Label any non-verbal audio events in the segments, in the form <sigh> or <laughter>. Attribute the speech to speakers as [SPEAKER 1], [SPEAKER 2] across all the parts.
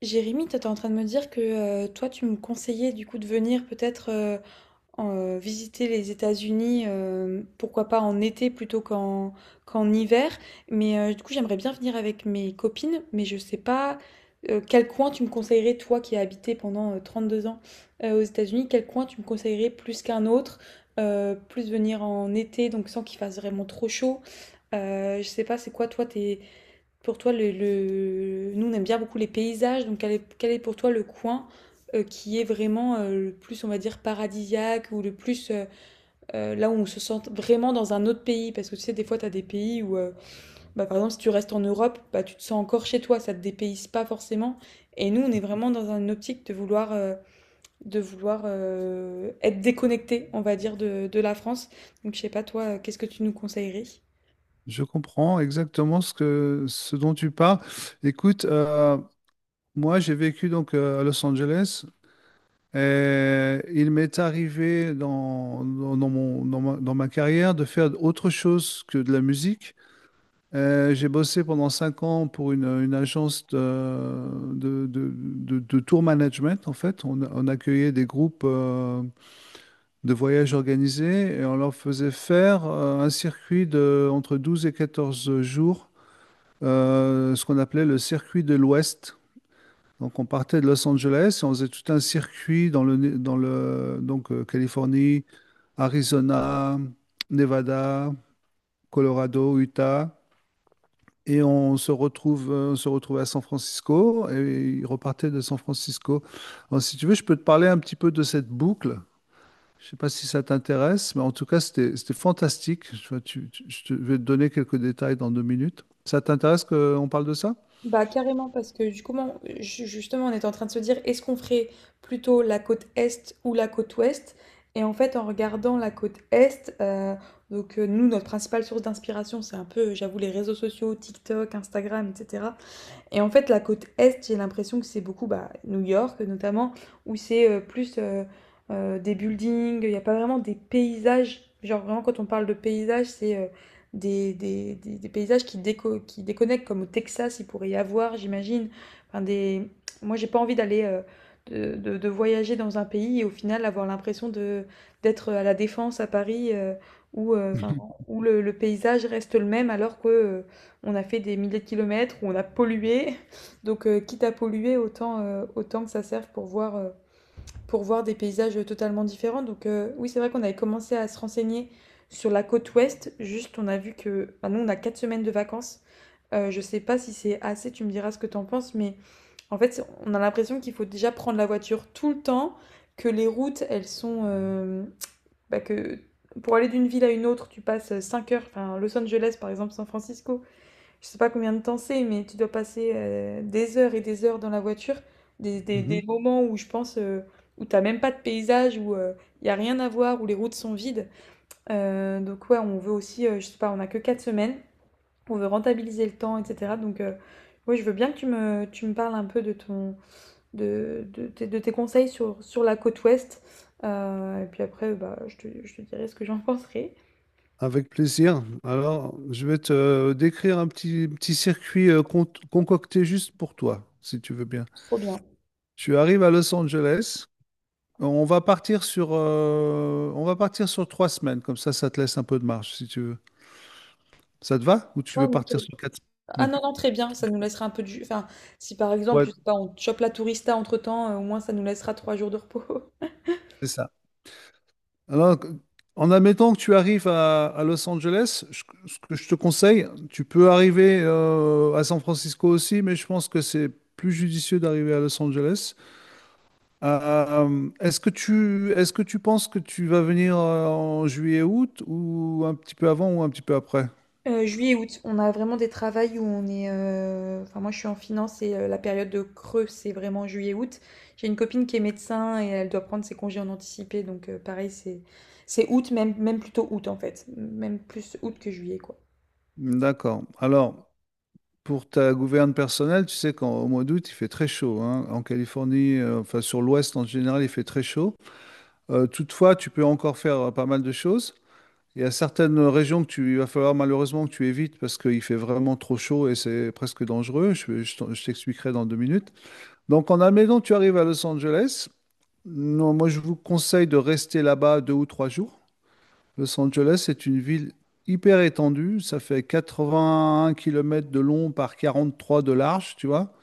[SPEAKER 1] Jérémy, toi, t'es en train de me dire que toi, tu me conseillais du coup de venir peut-être visiter les États-Unis, pourquoi pas en été plutôt qu'en hiver. Mais du coup, j'aimerais bien venir avec mes copines, mais je sais pas quel coin tu me conseillerais, toi qui as habité pendant deux ans aux États-Unis, quel coin tu me conseillerais plus qu'un autre, plus venir en été, donc sans qu'il fasse vraiment trop chaud. Je sais pas, c'est quoi toi tes, pour toi le- nous, on aime bien beaucoup les paysages, donc quel est pour toi le coin qui est vraiment le plus, on va dire, paradisiaque ou le plus là où on se sent vraiment dans un autre pays? Parce que tu sais, des fois, tu as des pays où, bah, par exemple, si tu restes en Europe, bah, tu te sens encore chez toi, ça te dépayse pas forcément. Et nous, on est vraiment dans une optique de vouloir être déconnecté, on va dire, de la France. Donc, je sais pas, toi, qu'est-ce que tu nous conseillerais?
[SPEAKER 2] Je comprends exactement ce que, ce dont tu parles. Écoute, moi j'ai vécu donc à Los Angeles et il m'est arrivé dans ma carrière de faire autre chose que de la musique. J'ai bossé pendant cinq ans pour une agence de tour management. En fait, on accueillait des groupes de voyages organisés et on leur faisait faire un circuit de entre 12 et 14 jours, ce qu'on appelait le circuit de l'Ouest. Donc, on partait de Los Angeles et on faisait tout un circuit dans Californie, Arizona, Nevada, Colorado, Utah. Et on se retrouvait à San Francisco et il repartait de San Francisco. Alors, si tu veux, je peux te parler un petit peu de cette boucle. Je ne sais pas si ça t'intéresse, mais en tout cas, c'était fantastique. Tu vois, je vais te donner quelques détails dans deux minutes. Ça t'intéresse qu'on parle de ça?
[SPEAKER 1] Bah carrément parce que du coup, justement, on était en train de se dire, est-ce qu'on ferait plutôt la côte est ou la côte ouest? Et en fait, en regardant la côte est, nous, notre principale source d'inspiration, c'est un peu, j'avoue, les réseaux sociaux, TikTok, Instagram, etc. Et en fait, la côte Est, j'ai l'impression que c'est beaucoup bah, New York notamment, où c'est plus des buildings, il n'y a pas vraiment des paysages. Genre vraiment, quand on parle de paysages, c'est des paysages qui déconnectent, comme au Texas, il pourrait y avoir, j'imagine. Enfin, des... Moi, j'ai pas envie de voyager dans un pays et au final avoir l'impression de d'être à la Défense à Paris où, euh, 'fin,
[SPEAKER 2] <laughs>
[SPEAKER 1] où le paysage reste le même alors que on a fait des milliers de kilomètres, où on a pollué. Donc, quitte à polluer, autant que ça serve pour voir des paysages totalement différents. Donc, oui, c'est vrai qu'on avait commencé à se renseigner sur la côte ouest. Juste, on a vu que. Enfin, nous, on a 4 semaines de vacances. Je sais pas si c'est assez, tu me diras ce que t'en penses, mais en fait, on a l'impression qu'il faut déjà prendre la voiture tout le temps, que les routes, elles sont. Bah, que pour aller d'une ville à une autre, tu passes 5 heures. Enfin, Los Angeles, par exemple, San Francisco, je sais pas combien de temps c'est, mais tu dois passer des heures et des heures dans la voiture, des
[SPEAKER 2] Mhm.
[SPEAKER 1] moments où je pense où t'as même pas de paysage, où il y a rien à voir, où les routes sont vides. Donc ouais, on veut aussi, je sais pas, on a que quatre semaines, on veut rentabiliser le temps, etc. Ouais, je veux bien que tu me parles un peu de ton, de tes conseils sur la côte ouest. Et puis après, bah, je te dirai ce que j'en <laughs> penserai.
[SPEAKER 2] Avec plaisir. Alors, je vais te décrire un petit circuit concocté juste pour toi, si tu veux bien.
[SPEAKER 1] Trop bien.
[SPEAKER 2] Tu arrives à Los Angeles. On va partir sur, on va partir sur trois semaines. Comme ça te laisse un peu de marge, si tu veux. Ça te va? Ou tu
[SPEAKER 1] Ouais,
[SPEAKER 2] veux partir
[SPEAKER 1] nickel.
[SPEAKER 2] sur quatre
[SPEAKER 1] Ah
[SPEAKER 2] semaines?
[SPEAKER 1] non, non, très bien, ça nous laissera un peu du Enfin, si par exemple,
[SPEAKER 2] Ouais,
[SPEAKER 1] je sais pas, on chope la tourista entre-temps, au moins ça nous laissera trois jours de repos. <laughs>
[SPEAKER 2] c'est ça. Alors, en admettant que tu arrives à Los Angeles, ce que je te conseille, tu peux arriver à San Francisco aussi, mais je pense que c'est plus judicieux d'arriver à Los Angeles. Est-ce que tu penses que tu vas venir en juillet-août ou un petit peu avant ou un petit peu après?
[SPEAKER 1] Juillet et août, on a vraiment des travails où on est... enfin, moi, je suis en finance et la période de creux, c'est vraiment juillet-août. J'ai une copine qui est médecin et elle doit prendre ses congés en anticipé. Donc, pareil, c'est août, même plutôt août, en fait. Même plus août que juillet, quoi.
[SPEAKER 2] D'accord. Alors, pour ta gouverne personnelle, tu sais qu'au mois d'août, il fait très chaud, hein. En Californie, enfin sur l'ouest en général, il fait très chaud. Toutefois, tu peux encore faire pas mal de choses. Il y a certaines régions il va falloir malheureusement que tu évites parce qu'il fait vraiment trop chaud et c'est presque dangereux. Je t'expliquerai dans deux minutes. Donc, en admettant que tu arrives à Los Angeles, non, moi je vous conseille de rester là-bas deux ou trois jours. Los Angeles est une ville hyper étendue, ça fait 81 kilomètres de long par 43 de large, tu vois.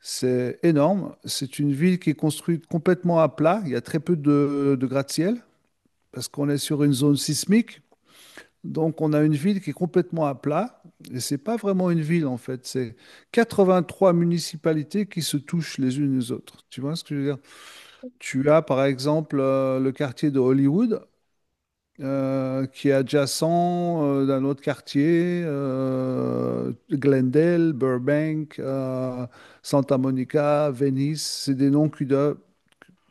[SPEAKER 2] C'est énorme. C'est une ville qui est construite complètement à plat, il y a très peu de gratte-ciel parce qu'on est sur une zone sismique. Donc on a une ville qui est complètement à plat et c'est pas vraiment une ville en fait, c'est 83 municipalités qui se touchent les unes les autres. Tu vois ce que je veux dire? Tu as par exemple le quartier de Hollywood, qui est adjacent d'un autre quartier, Glendale, Burbank, Santa Monica, Venice. C'est des noms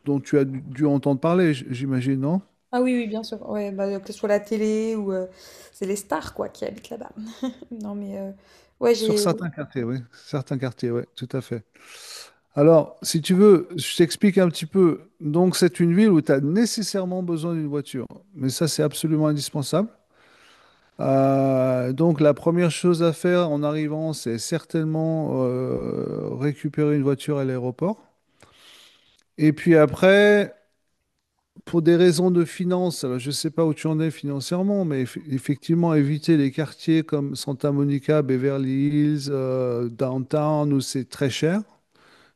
[SPEAKER 2] dont tu as dû entendre parler, j'imagine, non?
[SPEAKER 1] Ah oui, oui, bien sûr. Ouais, bah, que ce soit la télé ou... c'est les stars, quoi, qui habitent là-bas. <laughs> Non, mais... ouais,
[SPEAKER 2] Sur
[SPEAKER 1] j'ai...
[SPEAKER 2] certains quartiers, oui. Certains quartiers, oui, tout à fait. Alors, si tu veux, je t'explique un petit peu. Donc, c'est une ville où tu as nécessairement besoin d'une voiture. Mais ça, c'est absolument indispensable. Donc la première chose à faire en arrivant, c'est certainement récupérer une voiture à l'aéroport. Et puis après, pour des raisons de finances, alors je ne sais pas où tu en es financièrement, mais effectivement, éviter les quartiers comme Santa Monica, Beverly Hills, Downtown, où c'est très cher,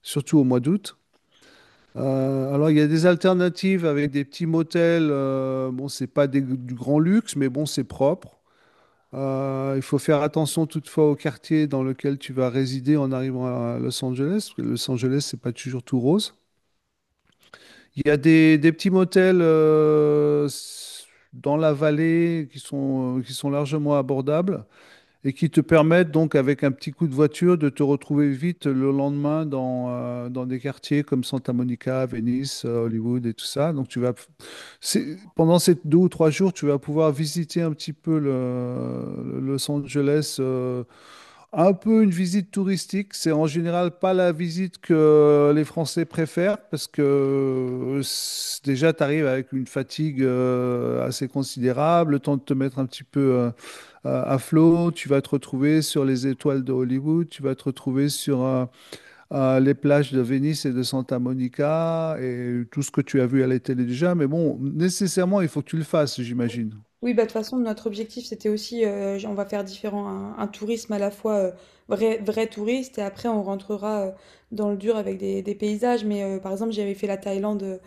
[SPEAKER 2] surtout au mois d'août. Alors il y a des alternatives avec des petits motels, bon, c'est pas des- du grand luxe, mais bon, c'est propre. Il faut faire attention toutefois au quartier dans lequel tu vas résider en arrivant à Los Angeles, parce que Los Angeles, c'est pas toujours tout rose. Il y a des petits motels dans la vallée qui sont largement abordables et qui te permettent donc avec un petit coup de voiture de te retrouver vite le lendemain dans, dans des quartiers comme Santa Monica, Venice, Hollywood et tout ça. Pendant ces deux ou trois jours, tu vas pouvoir visiter un petit peu le Los Angeles, un peu une visite touristique. C'est en général pas la visite que les Français préfèrent parce que déjà tu arrives avec une fatigue assez considérable, le temps de te mettre un petit peu à flot, tu vas te retrouver sur les étoiles de Hollywood, tu vas te retrouver sur les plages de Venise et de Santa Monica et tout ce que tu as vu à la télé déjà, mais bon, nécessairement il faut que tu le fasses, j'imagine.
[SPEAKER 1] Oui, bah, de toute façon, notre objectif, c'était aussi, on va faire différent, un tourisme à la fois vrai touriste, et après, on rentrera dans le dur avec des paysages. Mais par exemple, j'avais fait la Thaïlande euh,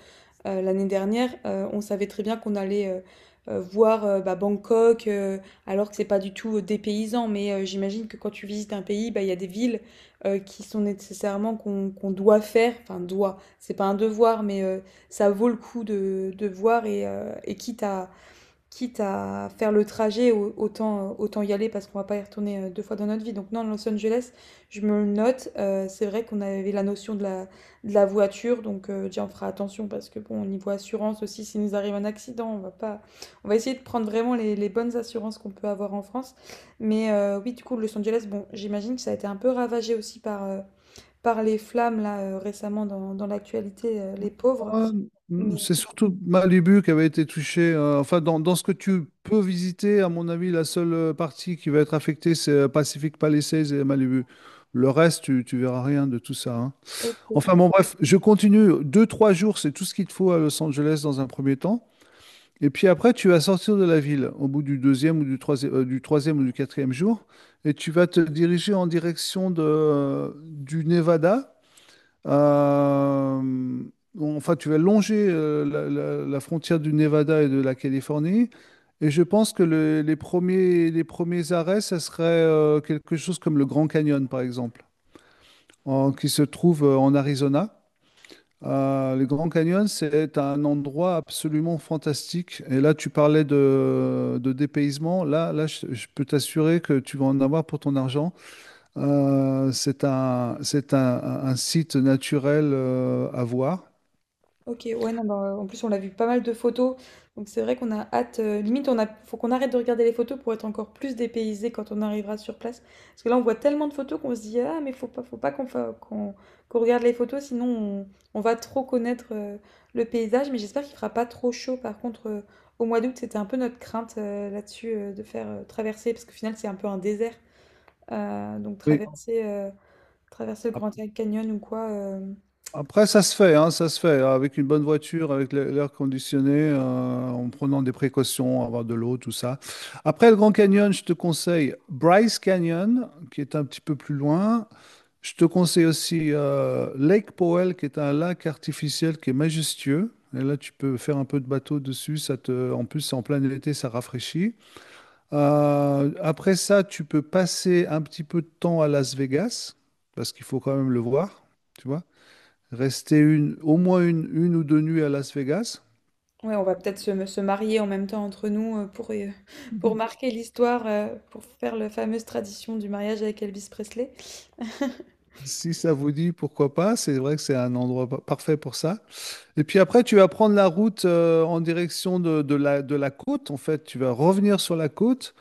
[SPEAKER 1] euh, l'année dernière, on savait très bien qu'on allait voir bah, Bangkok, alors que c'est pas du tout des paysans. Mais j'imagine que quand tu visites un pays, bah, il y a des villes qui sont nécessairement qu'on doit faire, enfin, doit, c'est pas un devoir, mais ça vaut le coup de voir, et quitte à faire le trajet, autant y aller parce qu'on va pas y retourner deux fois dans notre vie. Donc non, Los Angeles, je me le note. C'est vrai qu'on avait la notion de la voiture, donc déjà on fera attention parce que bon, au niveau assurance aussi, s'il nous arrive un accident, on va pas, on va essayer de prendre vraiment les bonnes assurances qu'on peut avoir en France. Mais oui, du coup, Los Angeles, bon, j'imagine que ça a été un peu ravagé aussi par, par les flammes là récemment dans l'actualité, les pauvres.
[SPEAKER 2] Euh,
[SPEAKER 1] Mais
[SPEAKER 2] C'est surtout Malibu qui avait été touché, enfin, dans ce que tu peux visiter, à mon avis, la seule partie qui va être affectée, c'est Pacific Palisades et Malibu. Le reste, tu verras rien de tout ça, hein.
[SPEAKER 1] ok.
[SPEAKER 2] Enfin, bon, bref, je continue. Deux, trois jours, c'est tout ce qu'il te faut à Los Angeles dans un premier temps. Et puis après, tu vas sortir de la ville au bout du deuxième ou du troisième ou du quatrième jour. Et tu vas te diriger en direction du Nevada. Euh, bon, enfin, tu vas longer la, la frontière du Nevada et de la Californie. Et je pense que les premiers arrêts, ça serait quelque chose comme le Grand Canyon, par exemple, qui se trouve en Arizona. Le Grand Canyon, c'est un endroit absolument fantastique. Et là, tu parlais de dépaysement. Là, là, je peux t'assurer que tu vas en avoir pour ton argent. C'est un site naturel à voir.
[SPEAKER 1] Ok, ouais, non, bah, en plus on l'a vu pas mal de photos, donc c'est vrai qu'on a hâte, limite on a, faut qu'on arrête de regarder les photos pour être encore plus dépaysé quand on arrivera sur place, parce que là on voit tellement de photos qu'on se dit ah mais faut pas qu'on fa- qu'on qu'on regarde les photos on va trop connaître le paysage, mais j'espère qu'il fera pas trop chaud par contre au mois d'août c'était un peu notre crainte là-dessus de faire traverser, parce qu'au final c'est un peu un désert. Euh, donc
[SPEAKER 2] Oui.
[SPEAKER 1] traverser euh, traverser le
[SPEAKER 2] Ap-
[SPEAKER 1] Grand Canyon ou quoi.
[SPEAKER 2] Après, ça se fait, hein, ça se fait. Avec une bonne voiture, avec l'air conditionné, en prenant des précautions, avoir de l'eau, tout ça. Après le Grand Canyon, je te conseille Bryce Canyon, qui est un petit peu plus loin. Je te conseille aussi Lake Powell, qui est un lac artificiel qui est majestueux. Et là, tu peux faire un peu de bateau dessus. Ça te... En plus, c'est en plein été, ça rafraîchit. Après ça, tu peux passer un petit peu de temps à Las Vegas, parce qu'il faut quand même le voir, tu vois. Rester au moins une ou deux nuits à Las Vegas.
[SPEAKER 1] Ouais, on va peut-être se marier en même temps entre nous pour <laughs> pour marquer l'histoire, pour faire la fameuse tradition du mariage avec Elvis Presley.
[SPEAKER 2] Si ça vous dit, pourquoi pas. C'est vrai que c'est un endroit parfait pour ça. Et puis après, tu vas prendre la route en direction de la côte. En fait, tu vas revenir sur la côte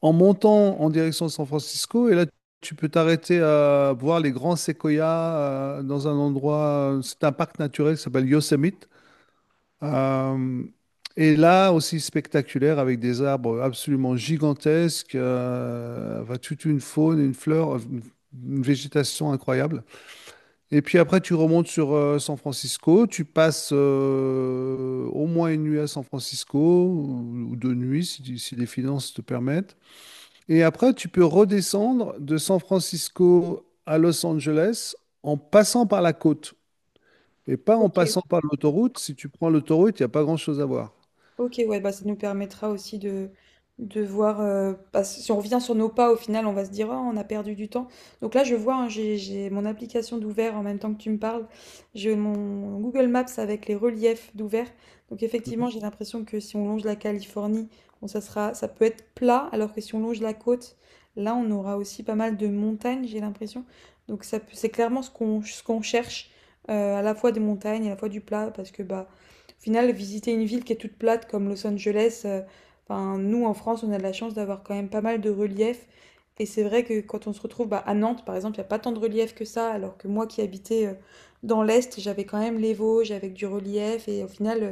[SPEAKER 2] en montant en direction de San Francisco. Et là, tu peux t'arrêter à voir les grands séquoias dans un endroit. C'est un parc naturel qui s'appelle Yosemite. Euh, et là aussi spectaculaire avec des arbres absolument gigantesques, enfin, toute une faune, une fleur, une végétation incroyable. Et puis après tu remontes sur San Francisco, tu passes au moins une nuit à San Francisco ou deux nuits si, si les finances te permettent. Et après tu peux redescendre de San Francisco à Los Angeles en passant par la côte. Et pas en
[SPEAKER 1] Ok,
[SPEAKER 2] passant par l'autoroute. Si tu prends l'autoroute, il n'y a pas grand-chose à voir.
[SPEAKER 1] ok, ouais, bah ça nous permettra aussi de voir. Parce si on revient sur nos pas, au final, on va se dire, ah, on a perdu du temps. Donc là, je vois, hein, j'ai mon application d'ouvert en même temps que tu me parles. J'ai mon Google Maps avec les reliefs d'ouvert. Donc effectivement, j'ai l'impression que si on longe la Californie, bon, ça peut être plat, alors que si on longe la côte, là, on aura aussi pas mal de montagnes, j'ai l'impression. Donc ça, c'est clairement ce qu'on cherche, à la fois des montagnes, à la fois du plat, parce que bah au final, visiter une ville qui est toute plate comme Los Angeles, enfin, nous en France, on a de la chance d'avoir quand même pas mal de relief. Et c'est vrai que quand on se retrouve bah, à Nantes, par exemple, il n'y a pas tant de relief que ça, alors que moi qui habitais dans l'Est, j'avais quand même les Vosges avec du relief. Et au final,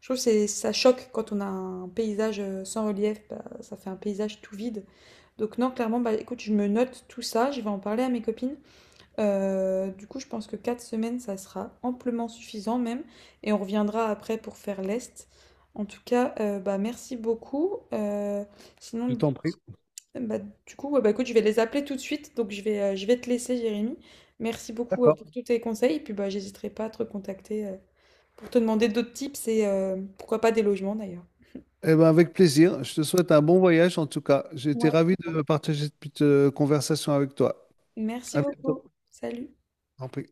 [SPEAKER 1] je trouve que ça choque quand on a un paysage sans relief, bah, ça fait un paysage tout vide. Donc non, clairement, bah, écoute, je me note tout ça, je vais en parler à mes copines. Du coup, je pense que 4 semaines, ça sera amplement suffisant même. Et on reviendra après pour faire l'Est. En tout cas, bah, merci beaucoup. Sinon,
[SPEAKER 2] Je t'en prie.
[SPEAKER 1] bah, du coup, ouais, bah, écoute, je vais les appeler tout de suite. Donc, je vais te laisser, Jérémy. Merci beaucoup
[SPEAKER 2] D'accord.
[SPEAKER 1] pour tous tes conseils. Et puis, bah, j'hésiterai pas à te recontacter pour te demander d'autres tips et pourquoi pas des logements d'ailleurs.
[SPEAKER 2] Eh ben, avec plaisir. Je te souhaite un bon voyage en tout cas. J'ai été
[SPEAKER 1] Ouais.
[SPEAKER 2] ravi de partager cette petite conversation avec toi.
[SPEAKER 1] Merci
[SPEAKER 2] À
[SPEAKER 1] beaucoup.
[SPEAKER 2] bientôt.
[SPEAKER 1] Salut.
[SPEAKER 2] Je t'en prie.